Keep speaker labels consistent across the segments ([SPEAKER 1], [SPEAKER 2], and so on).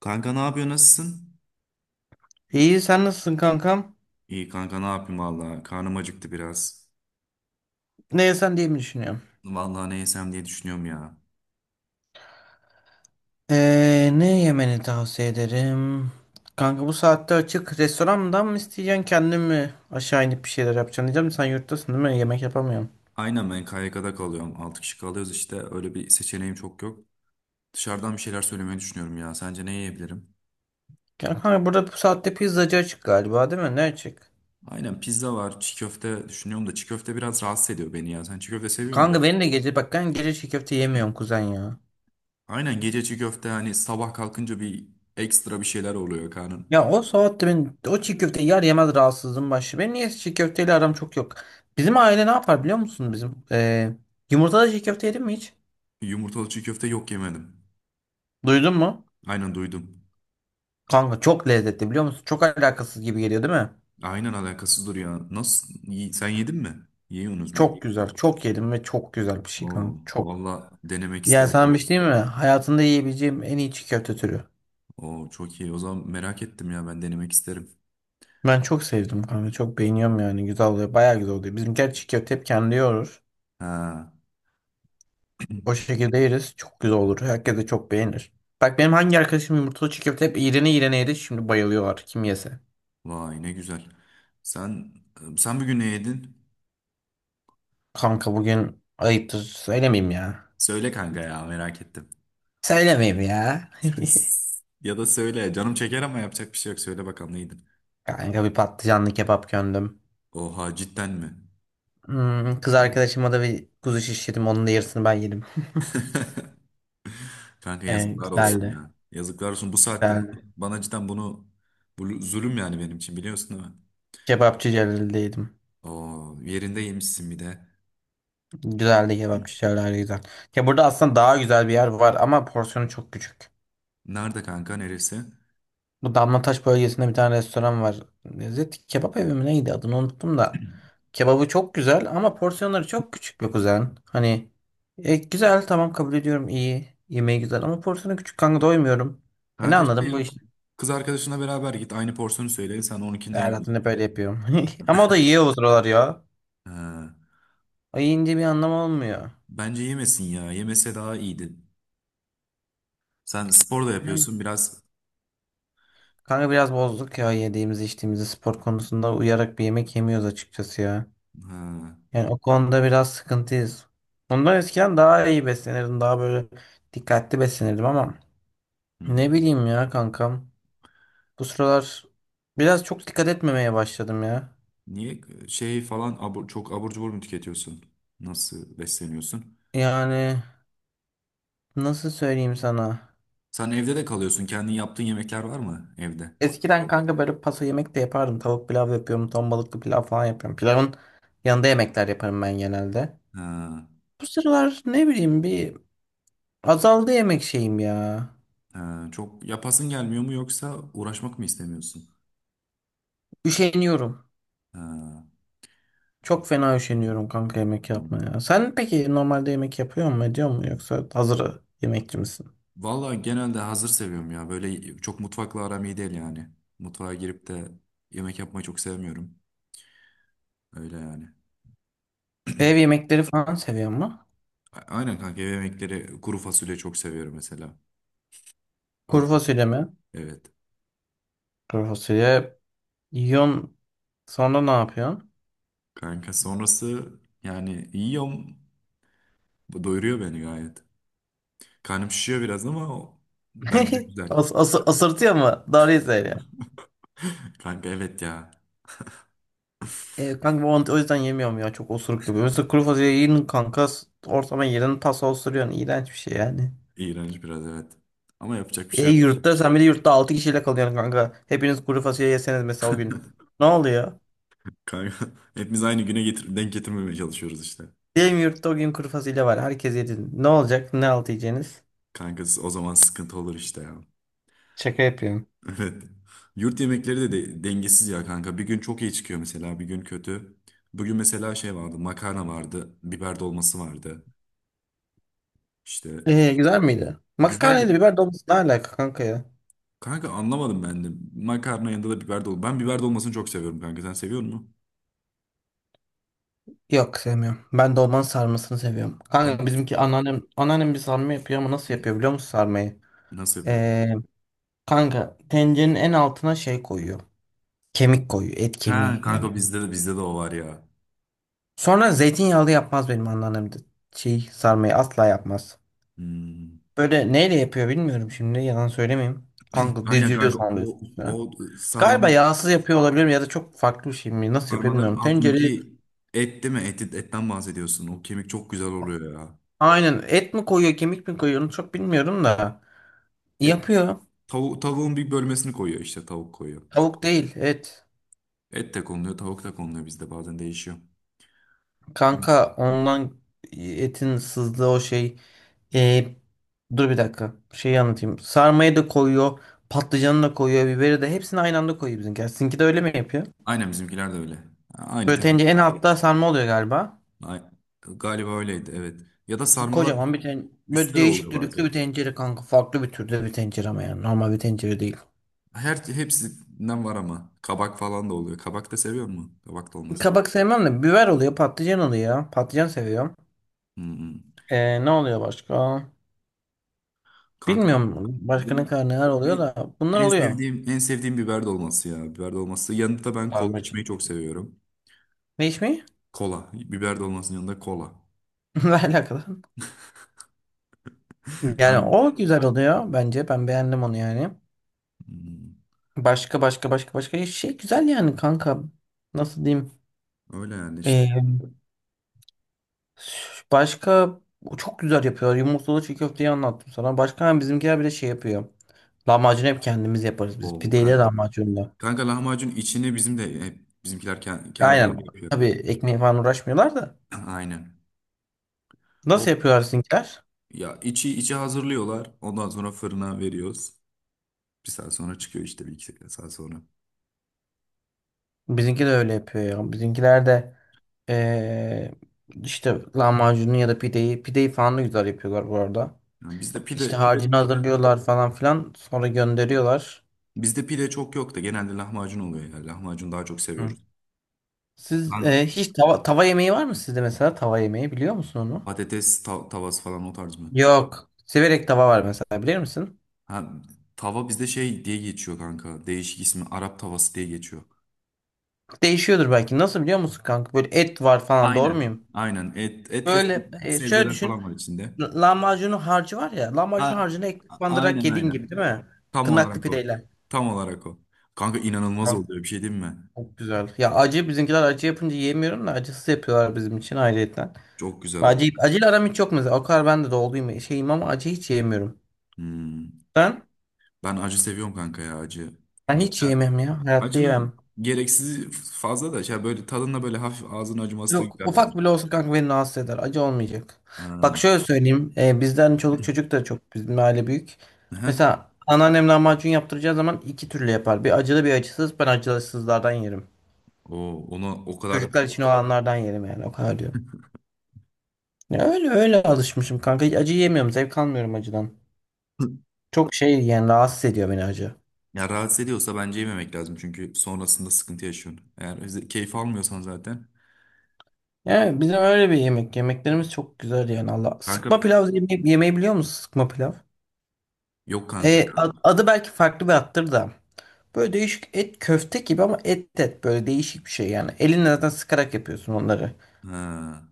[SPEAKER 1] Kanka ne yapıyor nasılsın?
[SPEAKER 2] İyi sen nasılsın kankam?
[SPEAKER 1] İyi kanka ne yapayım valla karnım acıktı biraz.
[SPEAKER 2] Ne yesen diye mi düşünüyorum?
[SPEAKER 1] Valla ne yesem diye düşünüyorum ya.
[SPEAKER 2] Ne yemeni tavsiye ederim? Kanka bu saatte açık restorandan mı isteyeceksin kendin mi aşağı inip bir şeyler yapacaksın diyeceğim. Sen yurttasın değil mi? Yemek yapamıyorum.
[SPEAKER 1] Aynen ben KYK'da kalıyorum 6 kişi kalıyoruz işte öyle bir seçeneğim çok yok. Dışarıdan bir şeyler söylemeyi düşünüyorum ya sence ne yiyebilirim?
[SPEAKER 2] Ya kanka burada bu saatte pizzacı açık galiba değil mi? Ne açık?
[SPEAKER 1] Aynen pizza var çiğ köfte düşünüyorum da çiğ köfte biraz rahatsız ediyor beni ya sen çiğ köfte seviyor musun?
[SPEAKER 2] Kanka benim de gece bak ben gece çiğ köfte yemiyorum kuzen ya.
[SPEAKER 1] Aynen gece çiğ köfte hani sabah kalkınca bir ekstra bir şeyler oluyor karnın.
[SPEAKER 2] Ya o saatte ben o çiğ köfteyi yer yemez rahatsızlığım başlıyor. Benim niye çiğ köfteyle aram çok yok. Bizim aile ne yapar biliyor musun bizim? Yumurtalı çiğ köfte yedin mi hiç?
[SPEAKER 1] Yumurtalı çiğ köfte yok yemedim.
[SPEAKER 2] Duydun mu?
[SPEAKER 1] Aynen duydum.
[SPEAKER 2] Kanka çok lezzetli biliyor musun? Çok alakasız gibi geliyor değil mi?
[SPEAKER 1] Aynen alakasızdır ya. Nasıl? Sen yedin mi? Yiyorsunuz mu?
[SPEAKER 2] Çok güzel. Çok yedim ve çok güzel bir şey kanka.
[SPEAKER 1] Oo,
[SPEAKER 2] Çok.
[SPEAKER 1] valla denemek
[SPEAKER 2] Yani sana
[SPEAKER 1] isterim.
[SPEAKER 2] bir şey diyeyim mi? Hayatında yiyebileceğim en iyi çiğ köfte türü.
[SPEAKER 1] Oo, çok iyi. O zaman merak ettim ya ben denemek isterim.
[SPEAKER 2] Ben çok sevdim kanka. Çok beğeniyorum yani. Güzel oluyor. Bayağı güzel oluyor. Bizimkiler çiğ köfte hep kendi yoğurur.
[SPEAKER 1] Ha,
[SPEAKER 2] O şekilde yeriz. Çok güzel olur. Herkes de çok beğenir. Bak benim hangi arkadaşım yumurtalı çiğ köfte hep iğrene iğrene yedi. Şimdi bayılıyorlar. Kim yese.
[SPEAKER 1] vay ne güzel. Sen sen bugün ne yedin?
[SPEAKER 2] Kanka bugün ayıptır. Söylemeyeyim ya.
[SPEAKER 1] Söyle kanka ya merak ettim.
[SPEAKER 2] Söylemeyeyim ya.
[SPEAKER 1] Ya da söyle canım çeker ama yapacak bir şey yok. Söyle bakalım ne yedin?
[SPEAKER 2] Kanka bir patlıcanlı kebap gömdüm.
[SPEAKER 1] Oha cidden mi?
[SPEAKER 2] Kız arkadaşıma da bir kuzu şiş yedim. Onun da yarısını ben yedim.
[SPEAKER 1] Kanka yazıklar olsun
[SPEAKER 2] Güzeldi.
[SPEAKER 1] ya. Yazıklar olsun bu saatte
[SPEAKER 2] Güzeldi.
[SPEAKER 1] bana cidden bunu bu zulüm yani benim için biliyorsun değil mi?
[SPEAKER 2] Kebapçı Celal'de yedim.
[SPEAKER 1] Oo, yerinde yemişsin bir de.
[SPEAKER 2] Güzeldi kebapçı Celal'de güzel. Ya burada aslında daha güzel bir yer var ama porsiyonu çok küçük.
[SPEAKER 1] Nerede kanka neresi?
[SPEAKER 2] Bu Damlataş bölgesinde bir tane restoran var. Lezzet kebap evi mi neydi adını unuttum da. Kebabı çok güzel ama porsiyonları çok küçük be kuzen. Hani güzel tamam kabul ediyorum iyi. Yemeği güzel ama porsiyonu küçük kanka doymuyorum. E ne
[SPEAKER 1] Kanka şey
[SPEAKER 2] anladım bu
[SPEAKER 1] yap.
[SPEAKER 2] iş?
[SPEAKER 1] Kız arkadaşına beraber git. Aynı porsiyonu söyle. Sen onunkinde
[SPEAKER 2] Erhat'ın hep
[SPEAKER 1] yiyorsun.
[SPEAKER 2] böyle yapıyorum. Ama o da yiyor o sıralar ya.
[SPEAKER 1] Ha.
[SPEAKER 2] O yiyince bir anlam olmuyor.
[SPEAKER 1] Bence yemesin ya. Yemese daha iyiydi. Sen spor da
[SPEAKER 2] Yani
[SPEAKER 1] yapıyorsun biraz.
[SPEAKER 2] kanka biraz bozduk ya yediğimizi içtiğimizi spor konusunda uyarak bir yemek yemiyoruz açıkçası ya.
[SPEAKER 1] Ha.
[SPEAKER 2] Yani o konuda biraz sıkıntıyız. Bundan eskiden daha iyi beslenirdim. Daha böyle dikkatli beslenirdim ama
[SPEAKER 1] Hmm.
[SPEAKER 2] ne bileyim ya kankam. Bu sıralar biraz çok dikkat etmemeye başladım ya.
[SPEAKER 1] Niye şey falan çok abur cubur mu tüketiyorsun? Nasıl besleniyorsun?
[SPEAKER 2] Yani nasıl söyleyeyim sana?
[SPEAKER 1] Sen evde de kalıyorsun. Kendin yaptığın yemekler var mı evde?
[SPEAKER 2] Eskiden kanka böyle paso yemek de yapardım. Tavuk pilav yapıyorum. Ton balıklı pilav falan yapıyorum. Pilavın yanında yemekler yaparım ben genelde.
[SPEAKER 1] Ha.
[SPEAKER 2] Bu sıralar ne bileyim bir azaldı yemek şeyim ya.
[SPEAKER 1] Ha. Çok yapasın gelmiyor mu yoksa uğraşmak mı istemiyorsun?
[SPEAKER 2] Üşeniyorum.
[SPEAKER 1] Ha.
[SPEAKER 2] Çok fena üşeniyorum kanka yemek
[SPEAKER 1] Anladım.
[SPEAKER 2] yapmaya. Sen peki normalde yemek yapıyor mu ediyor mu yoksa hazır yemekçi misin?
[SPEAKER 1] Vallahi genelde hazır seviyorum ya. Böyle çok mutfakla aram iyi değil yani. Mutfağa girip de yemek yapmayı çok sevmiyorum. Öyle yani.
[SPEAKER 2] Ev yemekleri falan seviyor mu?
[SPEAKER 1] Aynen kanka ev yemekleri kuru fasulye çok seviyorum mesela. Kuru
[SPEAKER 2] Kuru
[SPEAKER 1] fasulye.
[SPEAKER 2] fasulye mi?
[SPEAKER 1] Evet.
[SPEAKER 2] Kuru fasulye yiyorsun sonra ne yapıyorsun?
[SPEAKER 1] Kanka sonrası yani yiyorum. Bu doyuruyor beni gayet. Karnım şişiyor biraz ama o bence güzel.
[SPEAKER 2] As as asırtıyor mu? Doğruyu söyle.
[SPEAKER 1] Kanka evet ya.
[SPEAKER 2] E, kanka bu mantı o yüzden yemiyorum ya çok osuruk yapıyor. Mesela kuru fasulye yiyin kanka ortama girdin tasa osuruyorsun. İğrenç bir şey yani.
[SPEAKER 1] İğrenç biraz evet. Ama yapacak bir
[SPEAKER 2] E
[SPEAKER 1] şey yok.
[SPEAKER 2] yurtta sen bir de yurtta 6 kişiyle kalıyorsun kanka. Hepiniz kuru fasulye yeseniz mesela o gün. Ne oluyor?
[SPEAKER 1] Kanka hepimiz aynı güne denk getirmemeye çalışıyoruz işte.
[SPEAKER 2] Benim yurtta o gün kuru fasulye var. Herkes yedi. Ne olacak? Ne altı yiyeceğiniz?
[SPEAKER 1] Kankası o zaman sıkıntı olur işte ya.
[SPEAKER 2] Şaka yapıyorum.
[SPEAKER 1] Evet. Yurt yemekleri de, dengesiz ya kanka. Bir gün çok iyi çıkıyor mesela, bir gün kötü. Bugün mesela şey vardı, makarna vardı, biber dolması vardı. İşte
[SPEAKER 2] E, güzel miydi?
[SPEAKER 1] güzeldi.
[SPEAKER 2] Makarnayla biber dolması ne alaka kanka ya?
[SPEAKER 1] Kanka anlamadım ben de. Makarna yanında da biber dolması. Ben biber dolmasını çok seviyorum kanka. Sen seviyor musun?
[SPEAKER 2] Yok sevmiyorum. Ben dolmanın sarmasını seviyorum.
[SPEAKER 1] Kanka
[SPEAKER 2] Kanka bizimki anneannem bir sarma yapıyor ama nasıl yapıyor biliyor musun sarmayı?
[SPEAKER 1] nasıl yapıyorum?
[SPEAKER 2] E, Kanka tencerenin en altına şey koyuyor. Kemik koyuyor. Et
[SPEAKER 1] Ha
[SPEAKER 2] kemiği yani.
[SPEAKER 1] kanka bizde de o var ya.
[SPEAKER 2] Sonra zeytinyağlı yapmaz benim anneannem de. Şey sarmayı asla yapmaz.
[SPEAKER 1] Hmm.
[SPEAKER 2] Böyle neyle yapıyor bilmiyorum şimdi yalan söylemeyeyim. Kanka
[SPEAKER 1] Aynen
[SPEAKER 2] diziyor
[SPEAKER 1] kanka
[SPEAKER 2] sonra
[SPEAKER 1] o
[SPEAKER 2] üst üstüne.
[SPEAKER 1] o
[SPEAKER 2] Galiba
[SPEAKER 1] sarmanın
[SPEAKER 2] yağsız yapıyor olabilirim ya da çok farklı bir şey mi? Nasıl yapıyor
[SPEAKER 1] sarmaların
[SPEAKER 2] bilmiyorum. Tencereyi
[SPEAKER 1] altındaki et değil mi? Et, etten bahsediyorsun. O kemik çok güzel oluyor ya.
[SPEAKER 2] aynen et mi koyuyor kemik mi koyuyor onu çok bilmiyorum da. Yapıyor.
[SPEAKER 1] Tavuğun bir bölmesini koyuyor işte tavuk koyuyor.
[SPEAKER 2] Tavuk değil et.
[SPEAKER 1] Et de konuluyor, tavuk da konuluyor bizde bazen değişiyor.
[SPEAKER 2] Kanka ondan etin sızdığı o şey. E, dur bir dakika. Şeyi anlatayım. Sarmayı da koyuyor. Patlıcanı da koyuyor. Biberi de. Hepsini aynı anda koyuyor bizimkiler. Sizinki de öyle mi yapıyor?
[SPEAKER 1] Aynen bizimkiler de öyle. Aynı
[SPEAKER 2] Böyle
[SPEAKER 1] tencere.
[SPEAKER 2] tencere en altta sarma oluyor galiba.
[SPEAKER 1] Ay- Galiba öyleydi evet. Ya da sarmalar
[SPEAKER 2] Kocaman bir tencere. Böyle
[SPEAKER 1] üstte de
[SPEAKER 2] değişik
[SPEAKER 1] oluyor
[SPEAKER 2] düdüklü
[SPEAKER 1] bazen.
[SPEAKER 2] bir tencere kanka. Farklı bir türde bir tencere ama yani. Normal bir tencere değil.
[SPEAKER 1] Hepsinden var ama kabak falan da oluyor. Kabak da seviyor mu? Kabak da olmaz.
[SPEAKER 2] Kabak sevmem de biber oluyor. Patlıcan oluyor. Patlıcan seviyorum.
[SPEAKER 1] Hı hı.
[SPEAKER 2] E, ne oluyor başka?
[SPEAKER 1] Kanka
[SPEAKER 2] Bilmiyorum. Başka ne
[SPEAKER 1] benim
[SPEAKER 2] kadar neler oluyor
[SPEAKER 1] en,
[SPEAKER 2] da. Bunlar
[SPEAKER 1] en
[SPEAKER 2] oluyor.
[SPEAKER 1] sevdiğim en sevdiğim biber dolması ya. Biber dolması. Yanında da ben kola
[SPEAKER 2] Sarmacı.
[SPEAKER 1] içmeyi çok seviyorum.
[SPEAKER 2] Ne iş mi?
[SPEAKER 1] Kola. Biber dolmasının yanında kola.
[SPEAKER 2] Ne alakalı? Yani
[SPEAKER 1] Ben-
[SPEAKER 2] o güzel oluyor bence. Ben beğendim onu yani.
[SPEAKER 1] Hmm,
[SPEAKER 2] Başka başka başka başka şey güzel yani kanka. Nasıl diyeyim?
[SPEAKER 1] öyle yani işte.
[SPEAKER 2] Ee, başka o çok güzel yapıyor. Yumurtalı çiğ köfteyi anlattım sana. Başka hani bizimkiler bir de şey yapıyor. Lahmacun hep kendimiz yaparız biz.
[SPEAKER 1] Oo
[SPEAKER 2] Pideyle
[SPEAKER 1] kanka.
[SPEAKER 2] lahmacunla.
[SPEAKER 1] Kanka lahmacun içini bizim de hep bizimkiler
[SPEAKER 2] Aynen.
[SPEAKER 1] kendileri yapıyor.
[SPEAKER 2] Tabii ekmeğe falan uğraşmıyorlar da.
[SPEAKER 1] Aynen. O
[SPEAKER 2] Nasıl yapıyorlar sizinkiler?
[SPEAKER 1] ya içi hazırlıyorlar. Ondan sonra fırına veriyoruz. Bir saat sonra çıkıyor işte bir iki saat sonra.
[SPEAKER 2] Bizimki de öyle yapıyor ya. Bizimkiler de ee, işte lahmacunu ya da pideyi. Pideyi falan da güzel yapıyorlar bu arada.
[SPEAKER 1] Yani
[SPEAKER 2] İşte harcını hazırlıyorlar falan filan. Sonra gönderiyorlar.
[SPEAKER 1] bizde pide çok yok da genelde lahmacun oluyor ya. Lahmacun daha çok
[SPEAKER 2] Hı.
[SPEAKER 1] seviyoruz.
[SPEAKER 2] Siz hiç tava yemeği var mı sizde mesela? Tava yemeği biliyor musun onu?
[SPEAKER 1] Patates tavası falan o tarz mı?
[SPEAKER 2] Yok. Siverek tava var mesela bilir misin?
[SPEAKER 1] Ha, tava bizde şey diye geçiyor kanka. Değişik ismi Arap tavası diye geçiyor.
[SPEAKER 2] Değişiyordur belki. Nasıl biliyor musun kanka? Böyle et var falan doğru
[SPEAKER 1] Aynen.
[SPEAKER 2] muyum?
[SPEAKER 1] Aynen. Et ve
[SPEAKER 2] Böyle şöyle
[SPEAKER 1] sebzeler
[SPEAKER 2] düşün.
[SPEAKER 1] falan var içinde.
[SPEAKER 2] L- Lahmacunun harcı var ya. Lahmacun
[SPEAKER 1] Ha,
[SPEAKER 2] harcını ekmek bandırarak
[SPEAKER 1] aynen
[SPEAKER 2] yediğin gibi
[SPEAKER 1] aynen.
[SPEAKER 2] değil mi?
[SPEAKER 1] Tam
[SPEAKER 2] Tırnaklı
[SPEAKER 1] olarak o.
[SPEAKER 2] pideyle.
[SPEAKER 1] Tam olarak o. Kanka inanılmaz
[SPEAKER 2] Kanka,
[SPEAKER 1] oluyor bir şey değil mi?
[SPEAKER 2] çok güzel. Ya acı bizimkiler acı yapınca yemiyorum da acısız yapıyorlar bizim için ayrıyetten.
[SPEAKER 1] Çok güzel oldu.
[SPEAKER 2] Acil, aram hiç yok mesela. O kadar ben de doluyum şeyim ama acı hiç yemiyorum.
[SPEAKER 1] Hmm.
[SPEAKER 2] Ben,
[SPEAKER 1] Ben acı seviyorum kanka ya acı.
[SPEAKER 2] ben hiç
[SPEAKER 1] Güzel.
[SPEAKER 2] yemem ya. Hayatta yemem.
[SPEAKER 1] Acının gereksiz fazla da şey böyle tadında böyle hafif ağzın acıması da
[SPEAKER 2] Yok
[SPEAKER 1] güzel
[SPEAKER 2] ufak
[SPEAKER 1] bence.
[SPEAKER 2] bile olsa kanka beni rahatsız eder. Acı olmayacak. Bak
[SPEAKER 1] Ha.
[SPEAKER 2] şöyle söyleyeyim. Bizden çoluk çocuk da çok bizim aile büyük.
[SPEAKER 1] Aha.
[SPEAKER 2] Mesela anneannem lahmacun yaptıracağı zaman iki türlü yapar. Bir acılı bir acısız. Ben acısızlardan yerim.
[SPEAKER 1] O ona o kadar.
[SPEAKER 2] Çocuklar için olanlardan yerim yani o kadar diyorum. Ya öyle öyle alışmışım kanka. Hiç acı yemiyorum. Zevk almıyorum acıdan. Çok şey yani rahatsız ediyor beni acı.
[SPEAKER 1] Ya rahatsız ediyorsa bence yememek lazım çünkü sonrasında sıkıntı yaşıyorsun. Eğer keyif almıyorsan zaten.
[SPEAKER 2] Yani bizim öyle bir yemek. Yemeklerimiz çok güzel yani Allah.
[SPEAKER 1] Kanka
[SPEAKER 2] Sıkma pilav yemeği biliyor musun? Sıkma pilav.
[SPEAKER 1] yok kanka.
[SPEAKER 2] Adı belki farklı bir attır da. Böyle değişik et köfte gibi ama et böyle değişik bir şey yani. Elinle zaten sıkarak yapıyorsun onları.
[SPEAKER 1] Ha,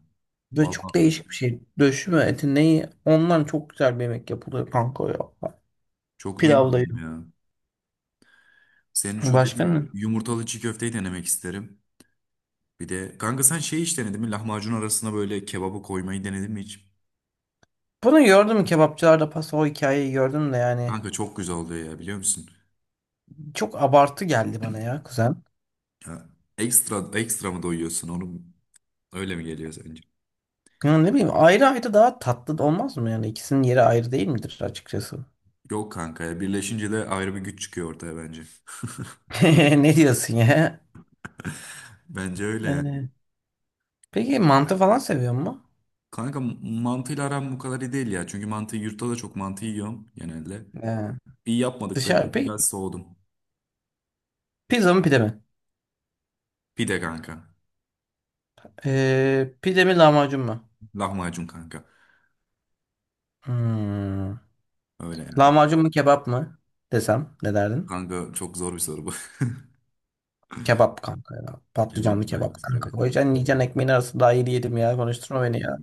[SPEAKER 2] Böyle
[SPEAKER 1] valla
[SPEAKER 2] çok değişik bir şey. Döşüme eti neyi? Ondan çok güzel bir yemek yapılıyor kanka ya.
[SPEAKER 1] çok
[SPEAKER 2] Pilavda
[SPEAKER 1] duymadım
[SPEAKER 2] yiyor.
[SPEAKER 1] ya. Senin şu
[SPEAKER 2] Başka
[SPEAKER 1] dediğin
[SPEAKER 2] ne?
[SPEAKER 1] yumurtalı çiğ köfteyi denemek isterim. Bir de kanka sen şey hiç denedin mi? Lahmacun arasına böyle kebabı koymayı denedin mi hiç?
[SPEAKER 2] Bunu gördüm kebapçılarda pasta o hikayeyi gördüm de yani.
[SPEAKER 1] Kanka çok güzel oluyor ya biliyor musun?
[SPEAKER 2] Çok abartı geldi bana ya kuzen.
[SPEAKER 1] Ya, ekstra ekstra mı doyuyorsun onu öyle mi geliyor sence?
[SPEAKER 2] Ya ne bileyim ayrı ayrı daha tatlı da olmaz mı yani ikisinin yeri ayrı değil midir açıkçası?
[SPEAKER 1] Yok kanka ya birleşince de ayrı bir güç çıkıyor ortaya bence.
[SPEAKER 2] Ne diyorsun ya?
[SPEAKER 1] Bence öyle yani.
[SPEAKER 2] Ee, peki mantı falan seviyor mu?
[SPEAKER 1] Kanka mantıyla aram bu kadar iyi değil ya. Çünkü mantıyı yurtta da çok mantı yiyorum genelde.
[SPEAKER 2] Ee,
[SPEAKER 1] Bir yapmadıkları
[SPEAKER 2] Dışarı
[SPEAKER 1] için
[SPEAKER 2] peki
[SPEAKER 1] biraz soğudum.
[SPEAKER 2] pizza mı pide mi?
[SPEAKER 1] Pide kanka.
[SPEAKER 2] Pide mi lahmacun mu?
[SPEAKER 1] Lahmacun kanka.
[SPEAKER 2] Hmm.
[SPEAKER 1] Öyle yani.
[SPEAKER 2] Lahmacun mu kebap mı desem ne derdin?
[SPEAKER 1] Kanka çok zor bir soru bu.
[SPEAKER 2] Kebap kanka ya.
[SPEAKER 1] Kebap
[SPEAKER 2] Patlıcanlı kebap
[SPEAKER 1] galiba soru
[SPEAKER 2] kanka.
[SPEAKER 1] evet.
[SPEAKER 2] Koyacaksın yiyeceksin ekmeğin arasında daha iyi yedim ya. Konuşturma beni ya.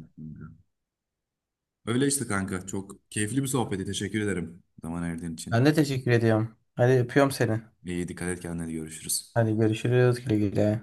[SPEAKER 1] Öyle işte kanka. Çok keyifli bir sohbetti. Teşekkür ederim zaman ayırdığın için.
[SPEAKER 2] Ben de teşekkür ediyorum. Hadi öpüyorum seni.
[SPEAKER 1] İyi dikkat et kendine görüşürüz.
[SPEAKER 2] Hadi görüşürüz güle güle.